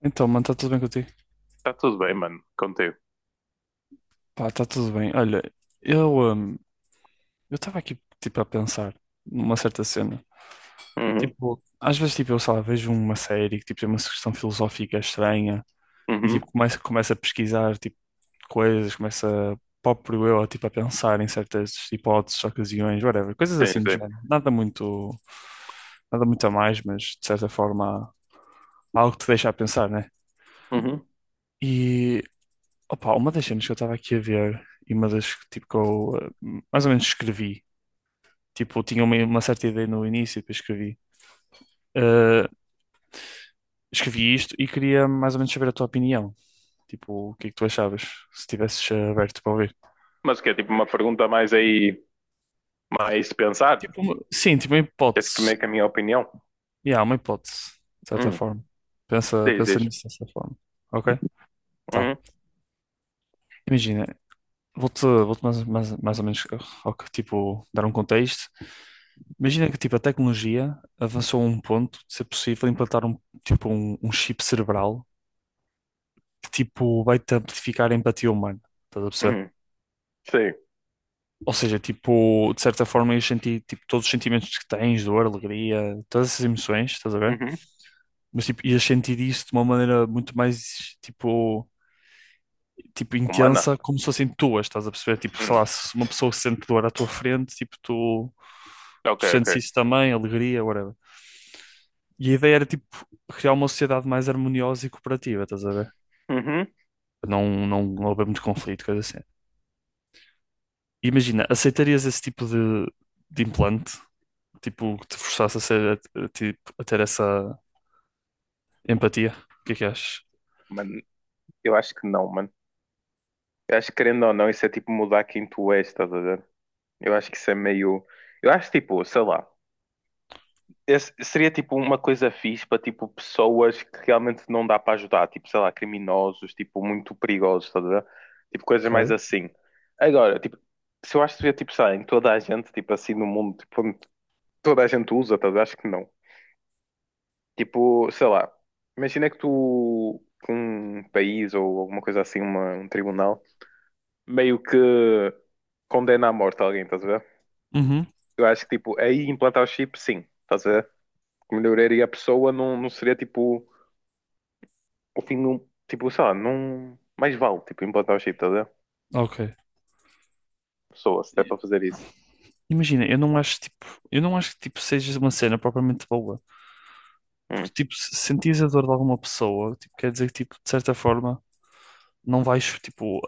Então, mano, está tudo bem contigo? Está tudo bem, mano, contigo. Pá, está tudo bem. Olha, eu hum, eu estava aqui tipo a pensar numa certa cena. Uhum, Tipo, às vezes tipo eu sei lá, vejo uma série que tipo tem uma questão filosófica estranha e uhum. tipo começo a pesquisar tipo coisas, começo a próprio eu tipo a pensar em certas hipóteses, ocasiões, whatever, coisas Sim, assim do sim. género. Nada muito nada muito a mais, mas de certa forma há algo que te deixa a pensar, né? Uhum. E Opa, uma das cenas que eu estava aqui a ver e uma das que, tipo, que eu mais ou menos escrevi, tipo, eu tinha uma certa ideia no início e depois escrevi. Eh, Escrevi isto e queria mais ou menos saber a tua opinião. Tipo, o que é que tu achavas, se estivesses aberto para ouvir? Mas que é tipo uma pergunta mais aí, mais de pensar. Tipo, sim, tipo, uma Que é tipo hipótese. meio que a minha opinião. E há uma hipótese, de certa Uhum. forma. Pensa, Diz, pensa diz. nisso dessa forma. Ok? Tá. Uhum, Imagina, vou-te mais ou menos ao que, tipo, dar um contexto. Imagina que tipo, a tecnologia avançou a um ponto de ser possível implantar um, tipo, um chip cerebral que tipo, vai-te amplificar a empatia humana. Estás a perceber? uhum. Sim. Ou seja, tipo, de certa forma ias sentir tipo, todos os sentimentos que tens, dor, alegria, todas essas emoções, estás a ver? Uhum. Mas tipo, ias sentir isso de uma maneira muito mais tipo tipo, Humana? intensa, como se fossem tuas, estás a perceber? Tipo, sei Hum. lá, se uma pessoa sente dor à tua frente, tipo, tu Ok, sentes ok. isso também, alegria, whatever. E a ideia era, tipo, criar uma sociedade mais harmoniosa e cooperativa, estás a ver? Uhum. Não, não, não haver muito conflito, coisa assim. Imagina, aceitarias esse tipo de implante? Tipo, que te forçasse a ser, tipo, a ter essa empatia? O que é que achas? Mano, eu acho que não, mano. Eu acho que querendo ou não, isso é tipo mudar quem tu és, estás a ver? Eu acho que isso é meio. Eu acho tipo, sei lá. Esse seria tipo uma coisa fixe para tipo pessoas que realmente não dá para ajudar, tipo, sei lá, criminosos, tipo, muito perigosos, estás a ver? Tipo, coisas mais Ok. assim. Agora, tipo, se eu acho que seria tipo, sei lá, em toda a gente, tipo, assim no mundo, tipo, onde toda a gente usa, estás a ver? Acho que não. Tipo, sei lá, imagina que tu, que um país ou alguma coisa assim, um tribunal, meio que condena à morte alguém, estás a ver? Uhum, Eu acho que, tipo, aí implantar o chip, sim, estás a ver? Melhoraria a pessoa, não, não seria tipo. O fim de um. Tipo, sei lá, não. Mais vale, tipo, implantar o chip, tá a ver? ok. Pessoa, se der para fazer isso. Imagina, eu não acho, tipo, eu não acho que, tipo, seja uma cena propriamente boa. Hum, Porque, tipo, se sentires a dor de alguma pessoa, tipo, quer dizer que, tipo, de certa forma, não vais, tipo,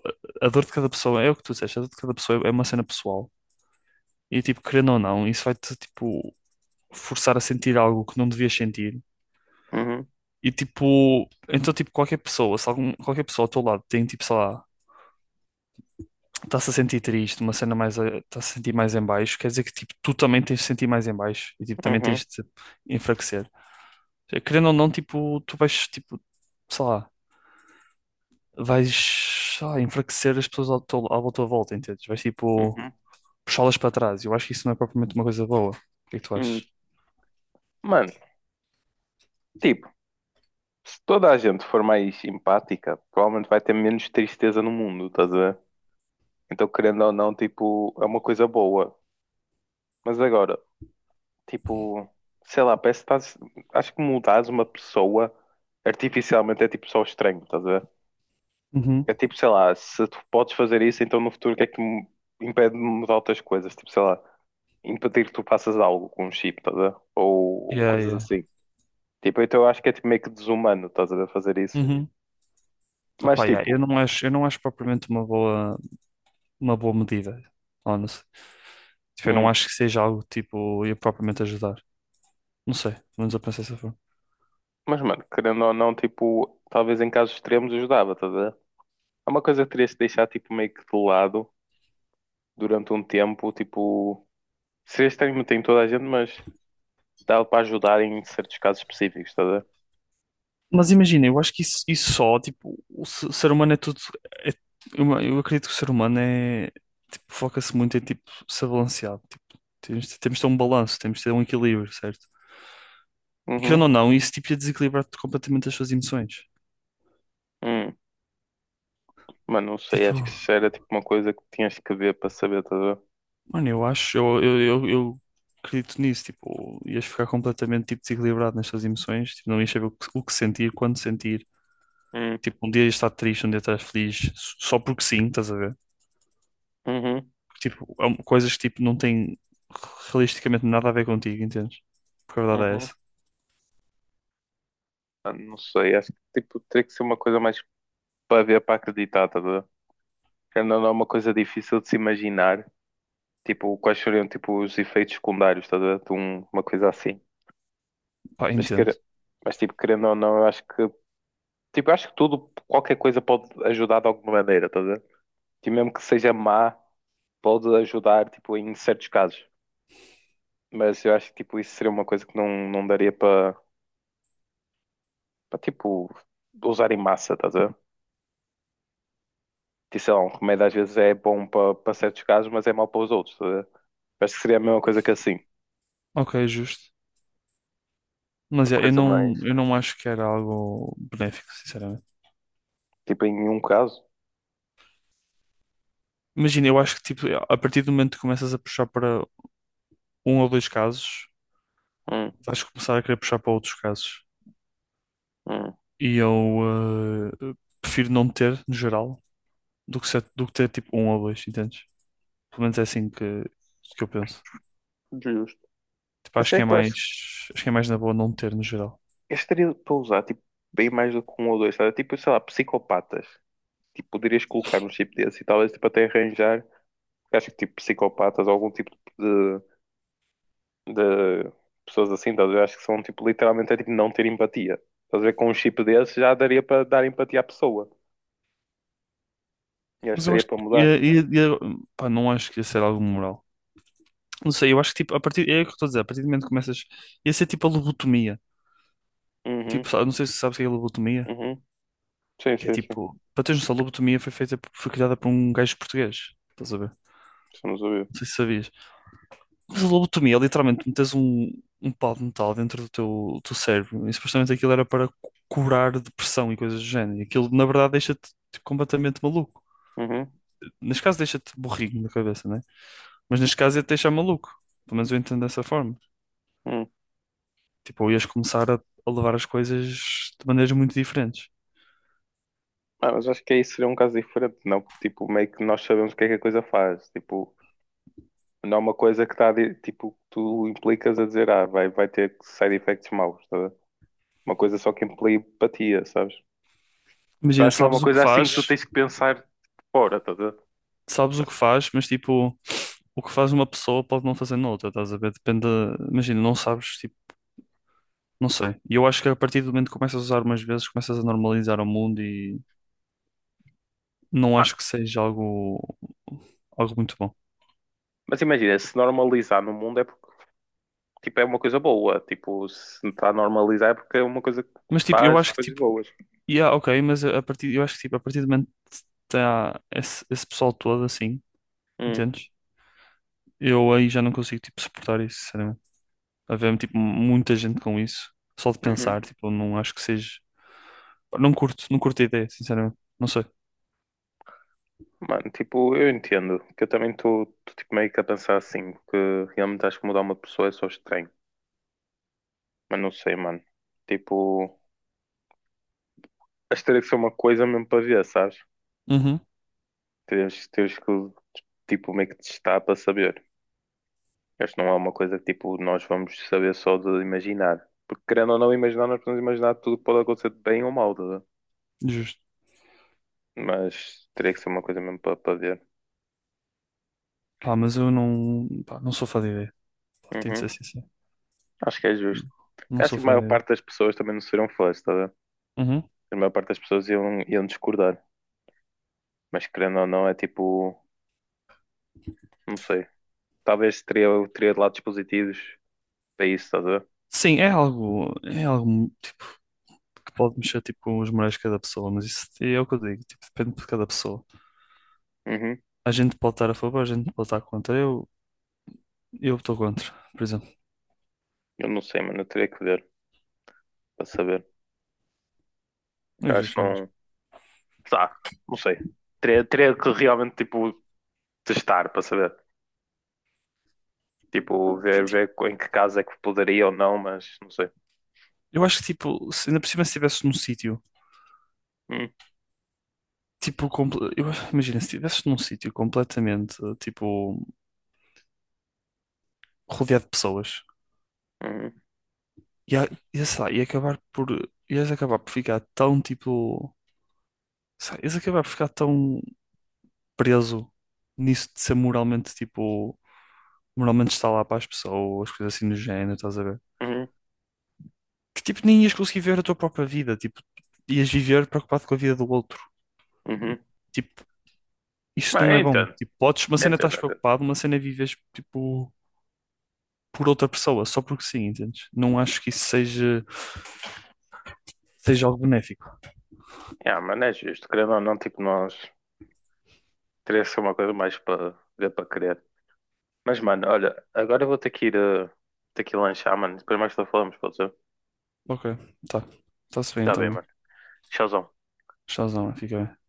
a dor de cada pessoa, é o que tu disseste, a dor de cada pessoa é uma cena pessoal. E, tipo, querendo ou não, isso vai-te, tipo, forçar a sentir algo que não devias sentir. uhum, E, tipo, então, tipo, qualquer pessoa, se algum, qualquer pessoa ao teu lado tem, tipo, sei lá, está-se a sentir triste, uma cena mais, está-se a sentir mais em baixo, quer dizer que, tipo, tu também tens de sentir mais em baixo e, tipo, também tens uhum, de enfraquecer. Querendo ou não, tipo, tu vais, tipo, sei lá vais, sei lá, enfraquecer as pessoas ao à tua volta, entendes? Vais tipo uhum, puxá-las para trás. Eu acho que isso não é propriamente uma coisa boa. O que é que tu hum. achas? Mano, tipo, se toda a gente for mais empática, provavelmente vai ter menos tristeza no mundo, estás a ver? Então, querendo ou não, tipo, é uma coisa boa. Mas agora, tipo, sei lá, parece que estás. Acho que mudares uma pessoa artificialmente é tipo só estranho, estás a ver? Uhum, É tipo, sei lá, se tu podes fazer isso, então no futuro o que é que me impede de mudar outras coisas? Tipo, sei lá, impedir que tu faças algo com um chip, estás a ver? Ou yeah, coisas yeah. assim. Tipo, então eu acho que é tipo, meio que desumano, estás a ver, fazer isso. Uhum. Mas Opa, yeah, tipo, eu não acho propriamente uma boa medida, honestly. Tipo, eu não hum, acho que seja algo tipo, ia propriamente ajudar. Não sei, pelo menos eu penso dessa forma. mas mano, querendo ou não, tipo, talvez em casos extremos ajudava, estás a ver? Há uma coisa que terias de deixar tipo meio que de lado durante um tempo, tipo, seria estranho tem toda a gente, mas dá para ajudar em certos casos específicos, estás a ver? Mas imagina, eu acho que isso só, tipo, o ser humano é tudo. é- eu acredito que o ser humano é. Tipo, foca-se muito em, tipo, ser balanceado. Tipo, temos de ter um balanço, temos de ter um equilíbrio, certo? E querendo Uhum, ou não, isso, tipo, ia desequilibrar completamente as suas emoções. hum. Mano, não sei, Tipo, acho que isso era tipo uma coisa que tinhas que ver para saber, estás a ver? mano, eu acho, eu acredito nisso. Tipo, ias ficar completamente, tipo, desequilibrado nas suas emoções. Tipo, não ias saber o que sentir, quando sentir. Hum, Tipo, um dia ias estar triste, um dia estás feliz, só porque sim, estás a ver? uhum, Tipo, há coisas que tipo, não têm realisticamente nada a ver contigo, entendes? Porque a verdade é uhum. essa. Ah, não sei, acho que tipo, teria que ser uma coisa mais para ver, para acreditar, tá a ver? Querendo ou não é uma coisa difícil de se imaginar, tipo, quais seriam tipo, os efeitos secundários, tá a ver? Uma coisa assim. Pá, Mas, entendo. Mas tipo, querendo ou não, eu acho que, tipo, eu acho que tudo, qualquer coisa pode ajudar de alguma maneira, tá a ver? Tipo, mesmo que seja má, pode ajudar, tipo, em certos casos. Mas eu acho que, tipo, isso seria uma coisa que não, não daria para, tipo, usar em massa, tá a ver? Que sei lá, um remédio às vezes é bom para certos casos, mas é mau para os outros. Estás a ver? Acho que seria a mesma coisa que assim. Ok, justo. Uma Mas é, coisa mais. eu não acho que era algo benéfico, sinceramente. Tipo, em um caso. Imagina, eu acho que tipo, a partir do momento que começas a puxar para um ou dois casos, Hum, vais começar a querer puxar para outros casos. hum, E eu prefiro não ter, no geral, do que, do que ter tipo um ou dois, entendes? Pelo menos é assim que eu penso. justo. Tipo, Mas acho que é é que eu acho mais, que acho que é mais na boa não ter, no geral. este teria para usar, tipo, bem mais do que um ou dois, sabe? Tipo, sei lá, psicopatas. Tipo, poderias colocar um chip desse e talvez, tipo, até arranjar. Eu acho que, tipo, psicopatas ou algum tipo de, de pessoas assim, estás a ver? Eu acho que são, tipo, literalmente é tipo não ter empatia. Estás a ver? Com um chip desse já daria para dar empatia à pessoa. E acho que Mas eu estaria acho que para mudar. ia, pá, não acho que ia ser algo moral. Não sei, eu acho que tipo, a partir, é o que eu estou a dizer, a partir do momento que começas, ia ser tipo a lobotomia. Uhum, Tipo, não sei se sabes o que é a lobotomia, uhum. Sim, que é sim, sim. tipo, para teres noção, a lobotomia foi feita, foi criada por um gajo português. Estás a ver? Estamos a ouvir. Não sei se sabias. Mas a lobotomia é literalmente metes um, um pau de metal dentro do teu cérebro e supostamente aquilo era para curar depressão e coisas do género. E aquilo, na verdade, deixa-te tipo, completamente maluco. Uhum, Neste caso, deixa-te burrinho na cabeça, né? Mas neste caso ia-te deixar maluco. Pelo menos eu entendo dessa forma. uhum. Tipo, ou ias começar a levar as coisas de maneiras muito diferentes. Ah, mas acho que aí seria um caso diferente, não? Porque, tipo, meio que nós sabemos o que é que a coisa faz. Tipo, não é uma coisa que está, tipo, que tu implicas a dizer, ah, vai ter side effects maus, tá a ver? Uma coisa só que implica empatia, sabes? Tipo, Imagina, acho que não é uma sabes o que coisa assim que tu faz, tens que pensar fora, tá a ver? sabes o que faz, mas tipo, o que faz uma pessoa pode não fazer noutra, estás a ver? Depende, imagina, não sabes, tipo, não sei. E eu acho que a partir do momento que começas a usar umas vezes, começas a normalizar o mundo e não Ah, acho que seja algo, algo muito bom. mas imagina, se normalizar no mundo é porque, tipo, é uma coisa boa. Tipo, se está a normalizar é porque é uma coisa que Mas tipo, eu faz acho que coisas tipo, boas. yeah, ok, mas a partir, eu acho que tipo, a partir do momento que está esse, esse pessoal todo assim, Hum, entendes? Eu aí já não consigo, tipo, suportar isso, sinceramente. Havia, tipo, muita gente com isso. Só de uhum. pensar, tipo, eu não acho que seja... Não curto, não curto a ideia, sinceramente. Não sei. Mano, tipo, eu entendo que eu também estou tipo, meio que a pensar assim, que realmente acho que mudar uma pessoa é só estranho. Mas não sei, mano. Tipo, acho que teria que ser uma coisa mesmo para ver, sabes? Uhum, Terias, terias que, tipo, meio que testar para saber. Acho que não é uma coisa que, tipo, nós vamos saber só de imaginar. Porque querendo ou não imaginar, nós podemos imaginar tudo que pode acontecer de bem ou mal, tá a ver? justo. Mas teria que ser uma coisa mesmo para ver. Pá, mas eu não, pá, não sou fã de ideia. Pá, tenho de Uhum. ser sincero. Acho que é Não, justo. não Acho sou que a fã maior de ideia. parte das pessoas também não seriam fãs, tá a ver? Uhum. A maior parte das pessoas iam discordar. Mas querendo ou não, é tipo, não sei. Talvez teria, teria lados positivos para isso, estás a ver? Sim, é algo tipo, que pode mexer tipo, com os morais de cada pessoa, mas isso é o que eu digo, tipo, depende de cada pessoa. Uhum. A gente pode estar a favor, a gente pode estar contra. Eu estou contra, por exemplo. Eu não sei, mano. Eu teria que ver para saber. Eu Eu já- acho que já- não. Tá, não sei. Teria, teria que realmente, tipo, testar para saber. Tipo, ver, em que caso é que poderia ou não, mas não sei. eu acho que, tipo, se, ainda por cima se estivesses num sítio, Hum, tipo, imagina, se estivesses num sítio completamente, tipo, rodeado de pessoas, Uhum, sei lá, ia acabar por, ias acabar por ficar tão, tipo, sei lá, ias acabar por ficar tão preso nisso de ser moralmente, tipo, moralmente estar lá para as pessoas, coisas assim do género, estás a ver? uhum, Que, tipo, nem ias conseguir ver a tua própria vida, tipo, ias viver preocupado com a vida do outro. uhum. Tipo, isto Mas não eu é bom. entendo, Tipo, podes, uma eu cena entendo, estás eu entendo. preocupado, uma cena vives tipo por outra pessoa, só porque sim, entendes? Não acho que isso seja, seja algo benéfico. Yeah, mano, é justo. Querendo ou não, tipo, nós. Teria que ser uma coisa mais para ver para querer. Mas, mano, olha, agora eu vou ter que ir, ter que ir lanchar, mano. Depois mais tarde falamos, pode ser? Ok, tá. Está-se bem Tá então, bem, mano. mano. Tchauzão. Tchauzão, mano. Fica bem.